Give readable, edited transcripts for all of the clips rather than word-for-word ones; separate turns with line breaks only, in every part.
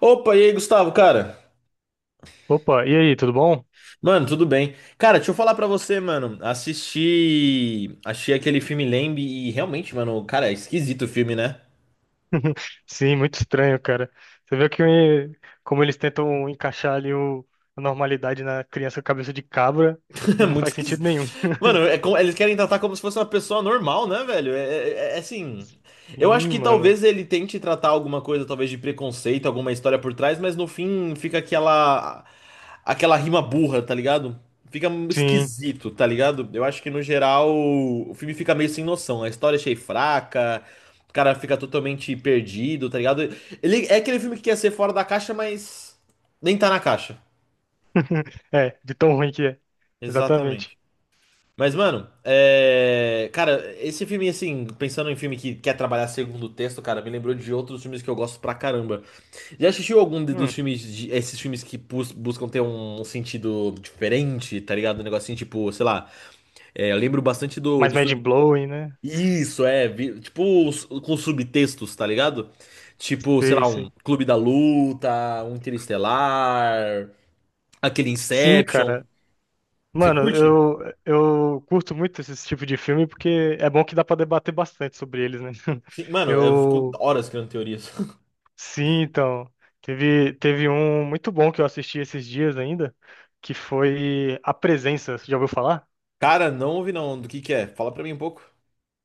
Opa, e aí, Gustavo, cara?
Opa, e aí, tudo bom?
Mano, tudo bem? Cara, deixa eu falar pra você, mano. Assisti, achei aquele filme Lamb e realmente, mano, cara, é esquisito o filme, né?
Sim, muito estranho, cara. Você vê que como eles tentam encaixar a normalidade na criança cabeça de cabra
É
e não
muito
faz sentido
esquisito.
nenhum.
Mano, eles querem tratar como se fosse uma pessoa normal, né, velho? É assim. Eu acho
Sim,
que
mano.
talvez ele tente tratar alguma coisa, talvez de preconceito, alguma história por trás, mas no fim fica aquela rima burra, tá ligado? Fica
Sim.
esquisito, tá ligado? Eu acho que no geral o filme fica meio sem noção. A história achei fraca, o cara fica totalmente perdido, tá ligado? Ele é aquele filme que quer ser fora da caixa, mas nem tá na caixa.
É, de tão ruim que é. Exatamente.
Exatamente. Mas, mano, cara, esse filme, assim, pensando em filme que quer trabalhar segundo texto, cara, me lembrou de outros filmes que eu gosto pra caramba. Já assistiu dos
Hum,
filmes, esses filmes que buscam ter um sentido diferente, tá ligado? Um negocinho tipo, sei lá, é, eu lembro bastante do,
mas
do
mind
sub...
blowing, né?
Isso, tipo, com subtextos, tá ligado? Tipo, sei
Sei,
lá, um
sei.
Clube da Luta, um Interestelar, aquele
Sim,
Inception.
cara.
Você
Mano,
curte?
eu curto muito esse tipo de filme porque é bom que dá pra debater bastante sobre eles, né?
Sim, mano, eu fico
Eu.
horas criando teorias.
Sim, então. Teve um muito bom que eu assisti esses dias ainda, que foi A Presença. Você já ouviu falar?
Cara, não ouvi não. Do que é? Fala pra mim um pouco.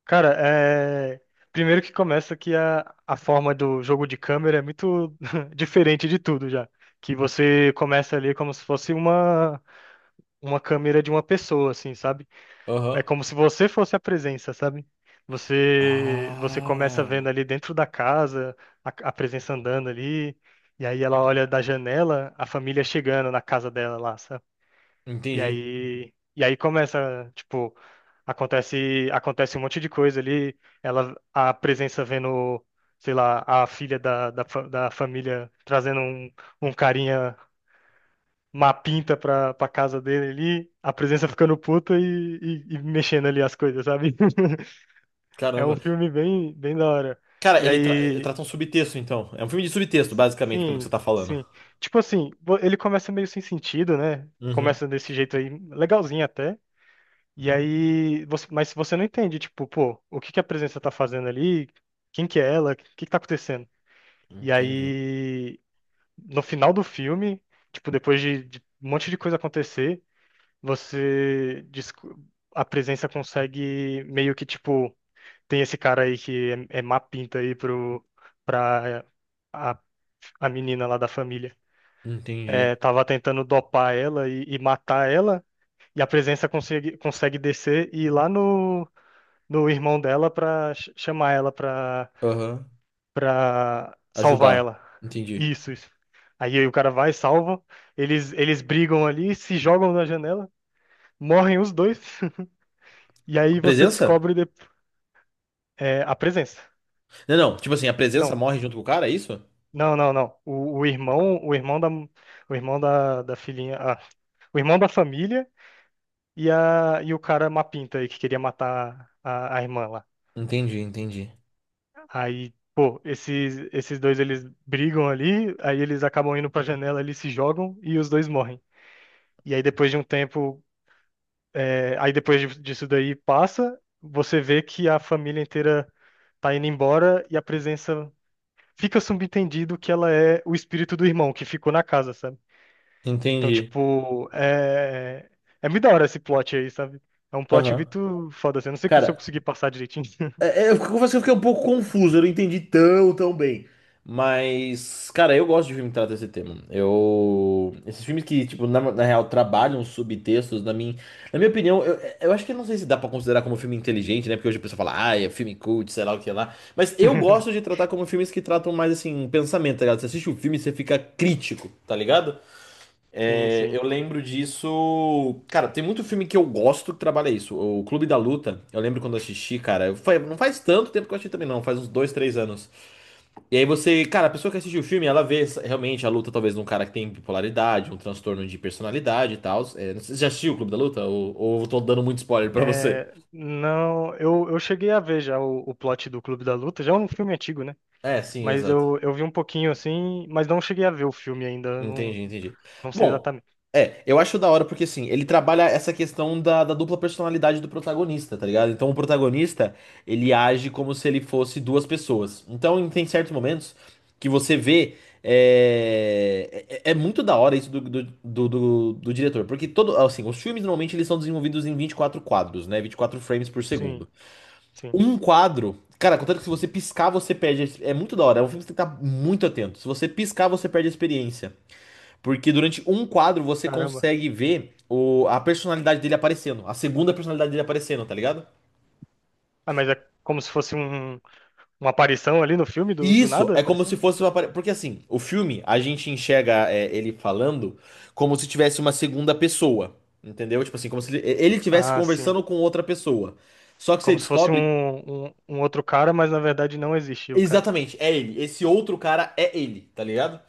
Cara, é. Primeiro que começa que a forma do jogo de câmera é muito diferente de tudo já. Que você começa ali como se fosse uma câmera de uma pessoa, assim, sabe? É
Aham.
como se você fosse a presença, sabe? Você começa vendo
Ah,
ali dentro da casa a presença andando ali, e aí ela olha da janela a família chegando na casa dela lá, sabe? E
entendi.
aí começa, tipo, acontece um monte de coisa ali, ela a presença vendo, sei lá, a filha da família trazendo um carinha, uma pinta pra casa dele ali, a presença ficando puta e mexendo ali as coisas, sabe? É um
Caramba.
filme bem da hora.
Cara,
E
ele
aí,
trata um subtexto, então. É um filme de subtexto, basicamente, pelo que você
sim,
tá falando.
sim. Tipo assim, ele começa meio sem sentido, né?
Uhum.
Começa desse jeito aí, legalzinho até. E aí, você, mas você não entende, tipo, pô, o que que a presença tá fazendo ali? Quem que é ela? O que que tá acontecendo? E
Entendi.
aí, no final do filme, tipo, depois de um monte de coisa acontecer, você, desco- a presença consegue meio que, tipo, tem esse cara aí que é má pinta aí pra a, a menina lá da família. É,
Entendi.
tava tentando dopar ela e matar ela, e a presença consegue descer e ir lá no irmão dela pra chamar ela pra,
Aham.
pra salvar
Ajudar.
ela.
Entendi.
Isso, isso. Aí, aí o cara vai, salva, eles brigam ali, se jogam na janela, morrem os dois, e aí você
Presença?
descobre é, a presença.
Não, não. Tipo assim, a presença
Não.
morre junto com o cara, é isso?
Não, não, não. O irmão da filhinha, ah, o irmão da família e o cara mapinta aí que queria matar a irmã lá.
Entendi, entendi.
Aí, pô, esses dois eles brigam ali, aí eles acabam indo pra janela, eles se jogam e os dois morrem. E aí depois de um tempo, aí depois disso daí passa, você vê que a família inteira tá indo embora e a presença fica subentendido que ela é o espírito do irmão que ficou na casa, sabe? Então,
Entendi.
tipo, é muito da hora esse plot aí, sabe? É um plot
Aham.
muito foda, assim. Eu não sei se eu
Cara,
consegui passar direitinho.
é, é, eu confesso que eu fiquei um pouco confuso, eu não entendi tão, tão bem. Mas, cara, eu gosto de filme que trata esse tema. Eu. Esses filmes que, tipo, na real, trabalham subtextos, na minha opinião, eu acho que não sei se dá pra considerar como filme inteligente, né? Porque hoje a pessoa fala, ah, é filme cult, sei lá o que lá. Mas eu gosto de tratar como filmes que tratam mais, assim, pensamento, tá ligado? Você assiste o filme e você fica crítico, tá ligado?
Sim,
É,
sim.
eu lembro disso. Cara, tem muito filme que eu gosto que trabalha isso. O Clube da Luta, eu lembro quando eu assisti, cara. Foi, não faz tanto tempo que eu assisti também, não. Faz uns dois, três anos. E aí você, cara, a pessoa que assistiu o filme, ela vê realmente a luta, talvez, de um cara que tem bipolaridade, um transtorno de personalidade e tal. É, não sei você já assistiu o Clube da Luta? Ou eu tô dando muito spoiler pra você?
É, não, eu cheguei a ver já o plot do Clube da Luta, já é um filme antigo, né?
É, sim,
Mas
exato.
eu vi um pouquinho assim, mas não cheguei a ver o filme ainda, eu não,
Entendi, entendi.
não sei
Bom,
exatamente.
é, eu acho da hora porque assim, ele trabalha essa questão da dupla personalidade do protagonista, tá ligado? Então o protagonista, ele age como se ele fosse duas pessoas. Então tem certos momentos que você vê. É, é muito da hora isso do diretor, porque todo, assim, os filmes normalmente eles são desenvolvidos em 24 quadros, né? 24 frames por
Sim,
segundo.
sim.
Um quadro, cara, contanto que se você piscar, você perde. É muito da hora, é um filme que você tem que estar muito atento. Se você piscar, você perde a experiência. Porque durante um quadro você
Caramba.
consegue ver o, a personalidade dele aparecendo, a segunda personalidade dele aparecendo, tá ligado?
Ah, mas é como se fosse uma aparição ali no filme
E
do
isso
nada,
é como se
aparecendo?
fosse uma. Porque assim, o filme, a gente enxerga é, ele falando como se tivesse uma segunda pessoa, entendeu? Tipo assim, como se ele estivesse
Ah, sim.
conversando com outra pessoa. Só que você
Como se fosse
descobre
um outro cara, mas na verdade não existiu, cara.
exatamente, é ele. Esse outro cara é ele, tá ligado?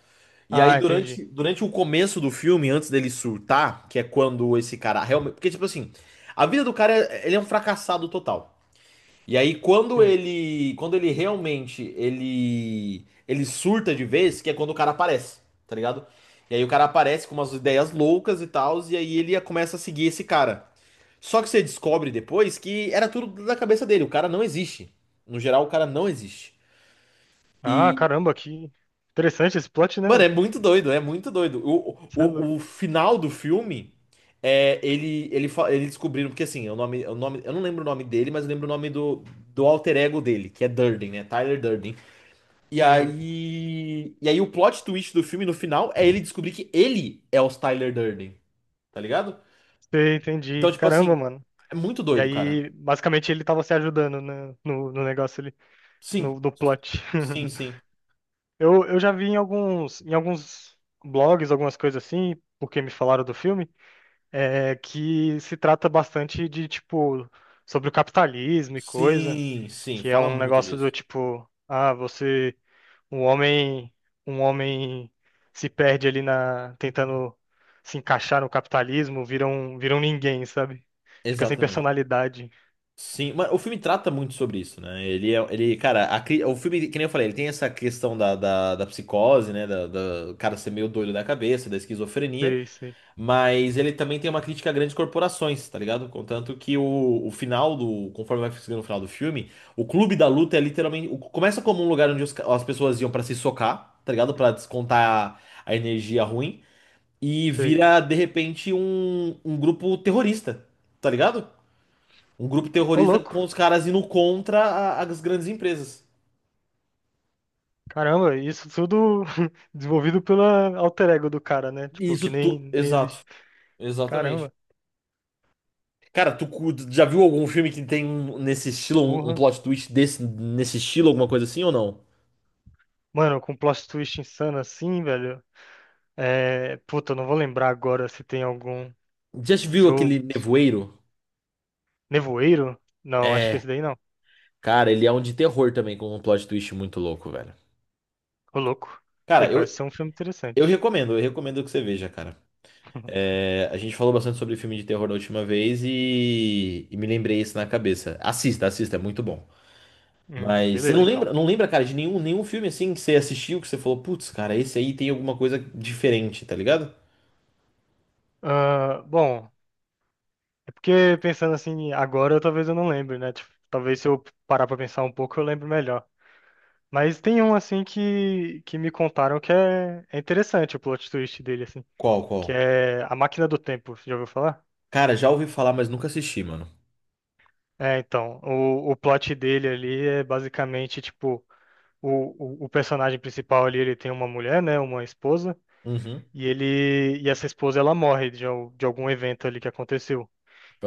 E aí,
Ah, entendi.
durante o começo do filme, antes dele surtar, que é quando esse cara realmente. Porque, tipo assim, a vida do cara, ele é um fracassado total. E aí, quando
Sim.
ele. Quando ele realmente. Ele. Ele surta de vez, que é quando o cara aparece, tá ligado? E aí, o cara aparece com umas ideias loucas e tal, e aí ele começa a seguir esse cara. Só que você descobre depois que era tudo da cabeça dele, o cara não existe. No geral, o cara não existe.
Ah, caramba, que interessante esse plot, né,
Mano, é
velho?
muito doido, é muito doido. O,
Isso é louco.
o, o final do filme é ele descobriram porque assim, é o nome eu não lembro o nome dele, mas eu lembro o nome do alter ego dele, que é Durden, né? Tyler Durden. E
Hum,
aí e aí o plot twist do filme no final é ele descobrir que ele é o Tyler Durden, tá ligado?
sei,
Então,
entendi.
tipo
Caramba,
assim,
mano.
é muito
E
doido, cara.
aí, basicamente, ele tava se ajudando, né, no negócio ali,
Sim,
no plot.
sim, sim.
Eu já vi em alguns blogs, algumas coisas assim, porque me falaram do filme, é, que se trata bastante de, tipo, sobre o capitalismo e coisa,
Sim, sim,
que é
fala
um
muito
negócio do
disso.
tipo, ah, você. Um homem, um homem se perde ali na, tentando se encaixar no capitalismo, vira vira um ninguém, sabe? Fica sem
Exatamente.
personalidade.
Sim, mas o filme trata muito sobre isso, né? Ele é, ele, cara, o filme, que nem eu falei, ele tem essa questão da psicose, né? O cara ser meio doido da cabeça, da esquizofrenia,
Sei, sei,
mas ele também tem uma crítica a grandes corporações, tá ligado? Contanto que o final do, conforme vai ficando o final do filme, o clube da luta é literalmente, começa como um lugar onde as pessoas iam pra se socar, tá ligado? Pra descontar a energia ruim, e
sei.
vira, de repente, um grupo terrorista, tá ligado? Um grupo
Ô,
terrorista
louco.
com os caras indo contra as grandes empresas.
Caramba, isso tudo desenvolvido pela alter ego do cara, né?
E
Tipo,
isso
que
tu.
nem, nem
Exato.
existe.
Exatamente.
Caramba,
Cara, já viu algum filme que tem nesse estilo, um
porra.
plot twist desse, nesse estilo, alguma coisa assim ou não?
Mano, com plot twist insano assim, velho. É. Puta, eu não vou lembrar agora se tem algum.
Já viu
Se
aquele
eu...
Nevoeiro?
Nevoeiro? Não, acho que
É.
esse daí não.
Cara, ele é um de terror também, com um plot twist muito louco, velho.
Ô, louco. Ele
Cara,
parece ser um filme interessante.
eu recomendo que você veja, cara. É, a gente falou bastante sobre filme de terror da última vez e me lembrei isso na cabeça. Assista, assista, é muito bom. Mas você não
Beleza, então.
lembra, não lembra, cara, de nenhum, nenhum filme assim que você assistiu que você falou, putz, cara, esse aí tem alguma coisa diferente, tá ligado?
Ah, bom, é porque pensando assim, agora talvez eu não lembre, né? Tipo, talvez se eu parar pra pensar um pouco eu lembro melhor. Mas tem um assim que me contaram que é interessante o plot twist dele, assim,
Qual,
que
qual?
é A Máquina do Tempo, você já ouviu falar?
Cara, já ouvi falar, mas nunca assisti, mano.
É, então, o, plot dele ali é basicamente, tipo, o personagem principal ali, ele tem uma mulher, né, uma esposa,
Uhum.
e ele, e essa esposa, ela morre de algum evento ali que aconteceu.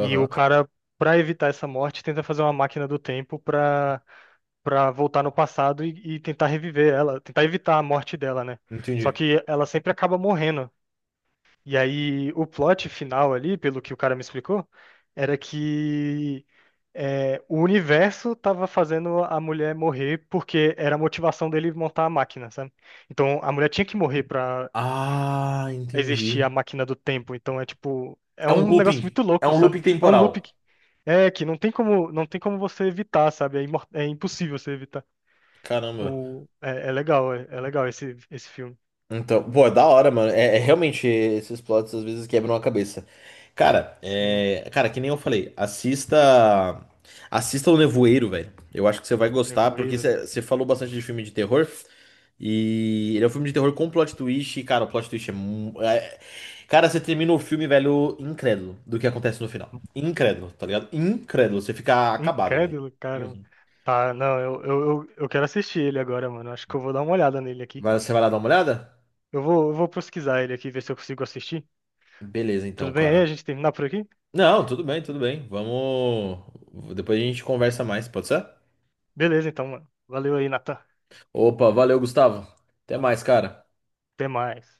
E o cara, pra evitar essa morte, tenta fazer uma máquina do tempo pra para voltar no passado e tentar reviver ela, tentar evitar a morte dela, né? Só
Entendi.
que ela sempre acaba morrendo. E aí o plot final ali, pelo que o cara me explicou, era que é, o universo tava fazendo a mulher morrer porque era a motivação dele montar a máquina, sabe? Então a mulher tinha que morrer pra
Ah,
existir
entendi.
a máquina do tempo. Então é tipo, é
É um
um negócio
looping.
muito
É
louco,
um looping
sabe? É um loop
temporal.
que, é, que não tem como, não tem como você evitar, sabe? É, é impossível você evitar.
Caramba.
O, é, é legal, é legal esse, esse filme.
Então, pô, é da hora, mano. É, é realmente esses plots às vezes quebram a cabeça. Cara,
Sim,
é, cara, que nem eu falei, assista, assista O Nevoeiro, velho. Eu acho que você vai
o
gostar porque
Nevoeiro, né?
você falou bastante de filme de terror e ele é um filme de terror com plot twist. E, cara, o plot twist é, cara, você termina o filme, velho, incrédulo do que acontece no final. Incrédulo, tá ligado? Incrédulo, você fica acabado, velho.
Incrédulo, cara.
Uhum.
Tá, não, eu quero assistir ele agora, mano. Acho que eu vou dar uma olhada nele aqui.
Mas você vai lá dar uma olhada?
Eu vou pesquisar ele aqui, ver se eu consigo assistir.
Beleza,
Tudo
então,
bem aí? A
cara.
gente terminar por aqui?
Não, tudo bem, tudo bem. Vamos. Depois a gente conversa mais, pode ser?
Beleza, então, mano. Valeu aí, Natan.
Opa, valeu, Gustavo. Até mais, cara.
Até mais.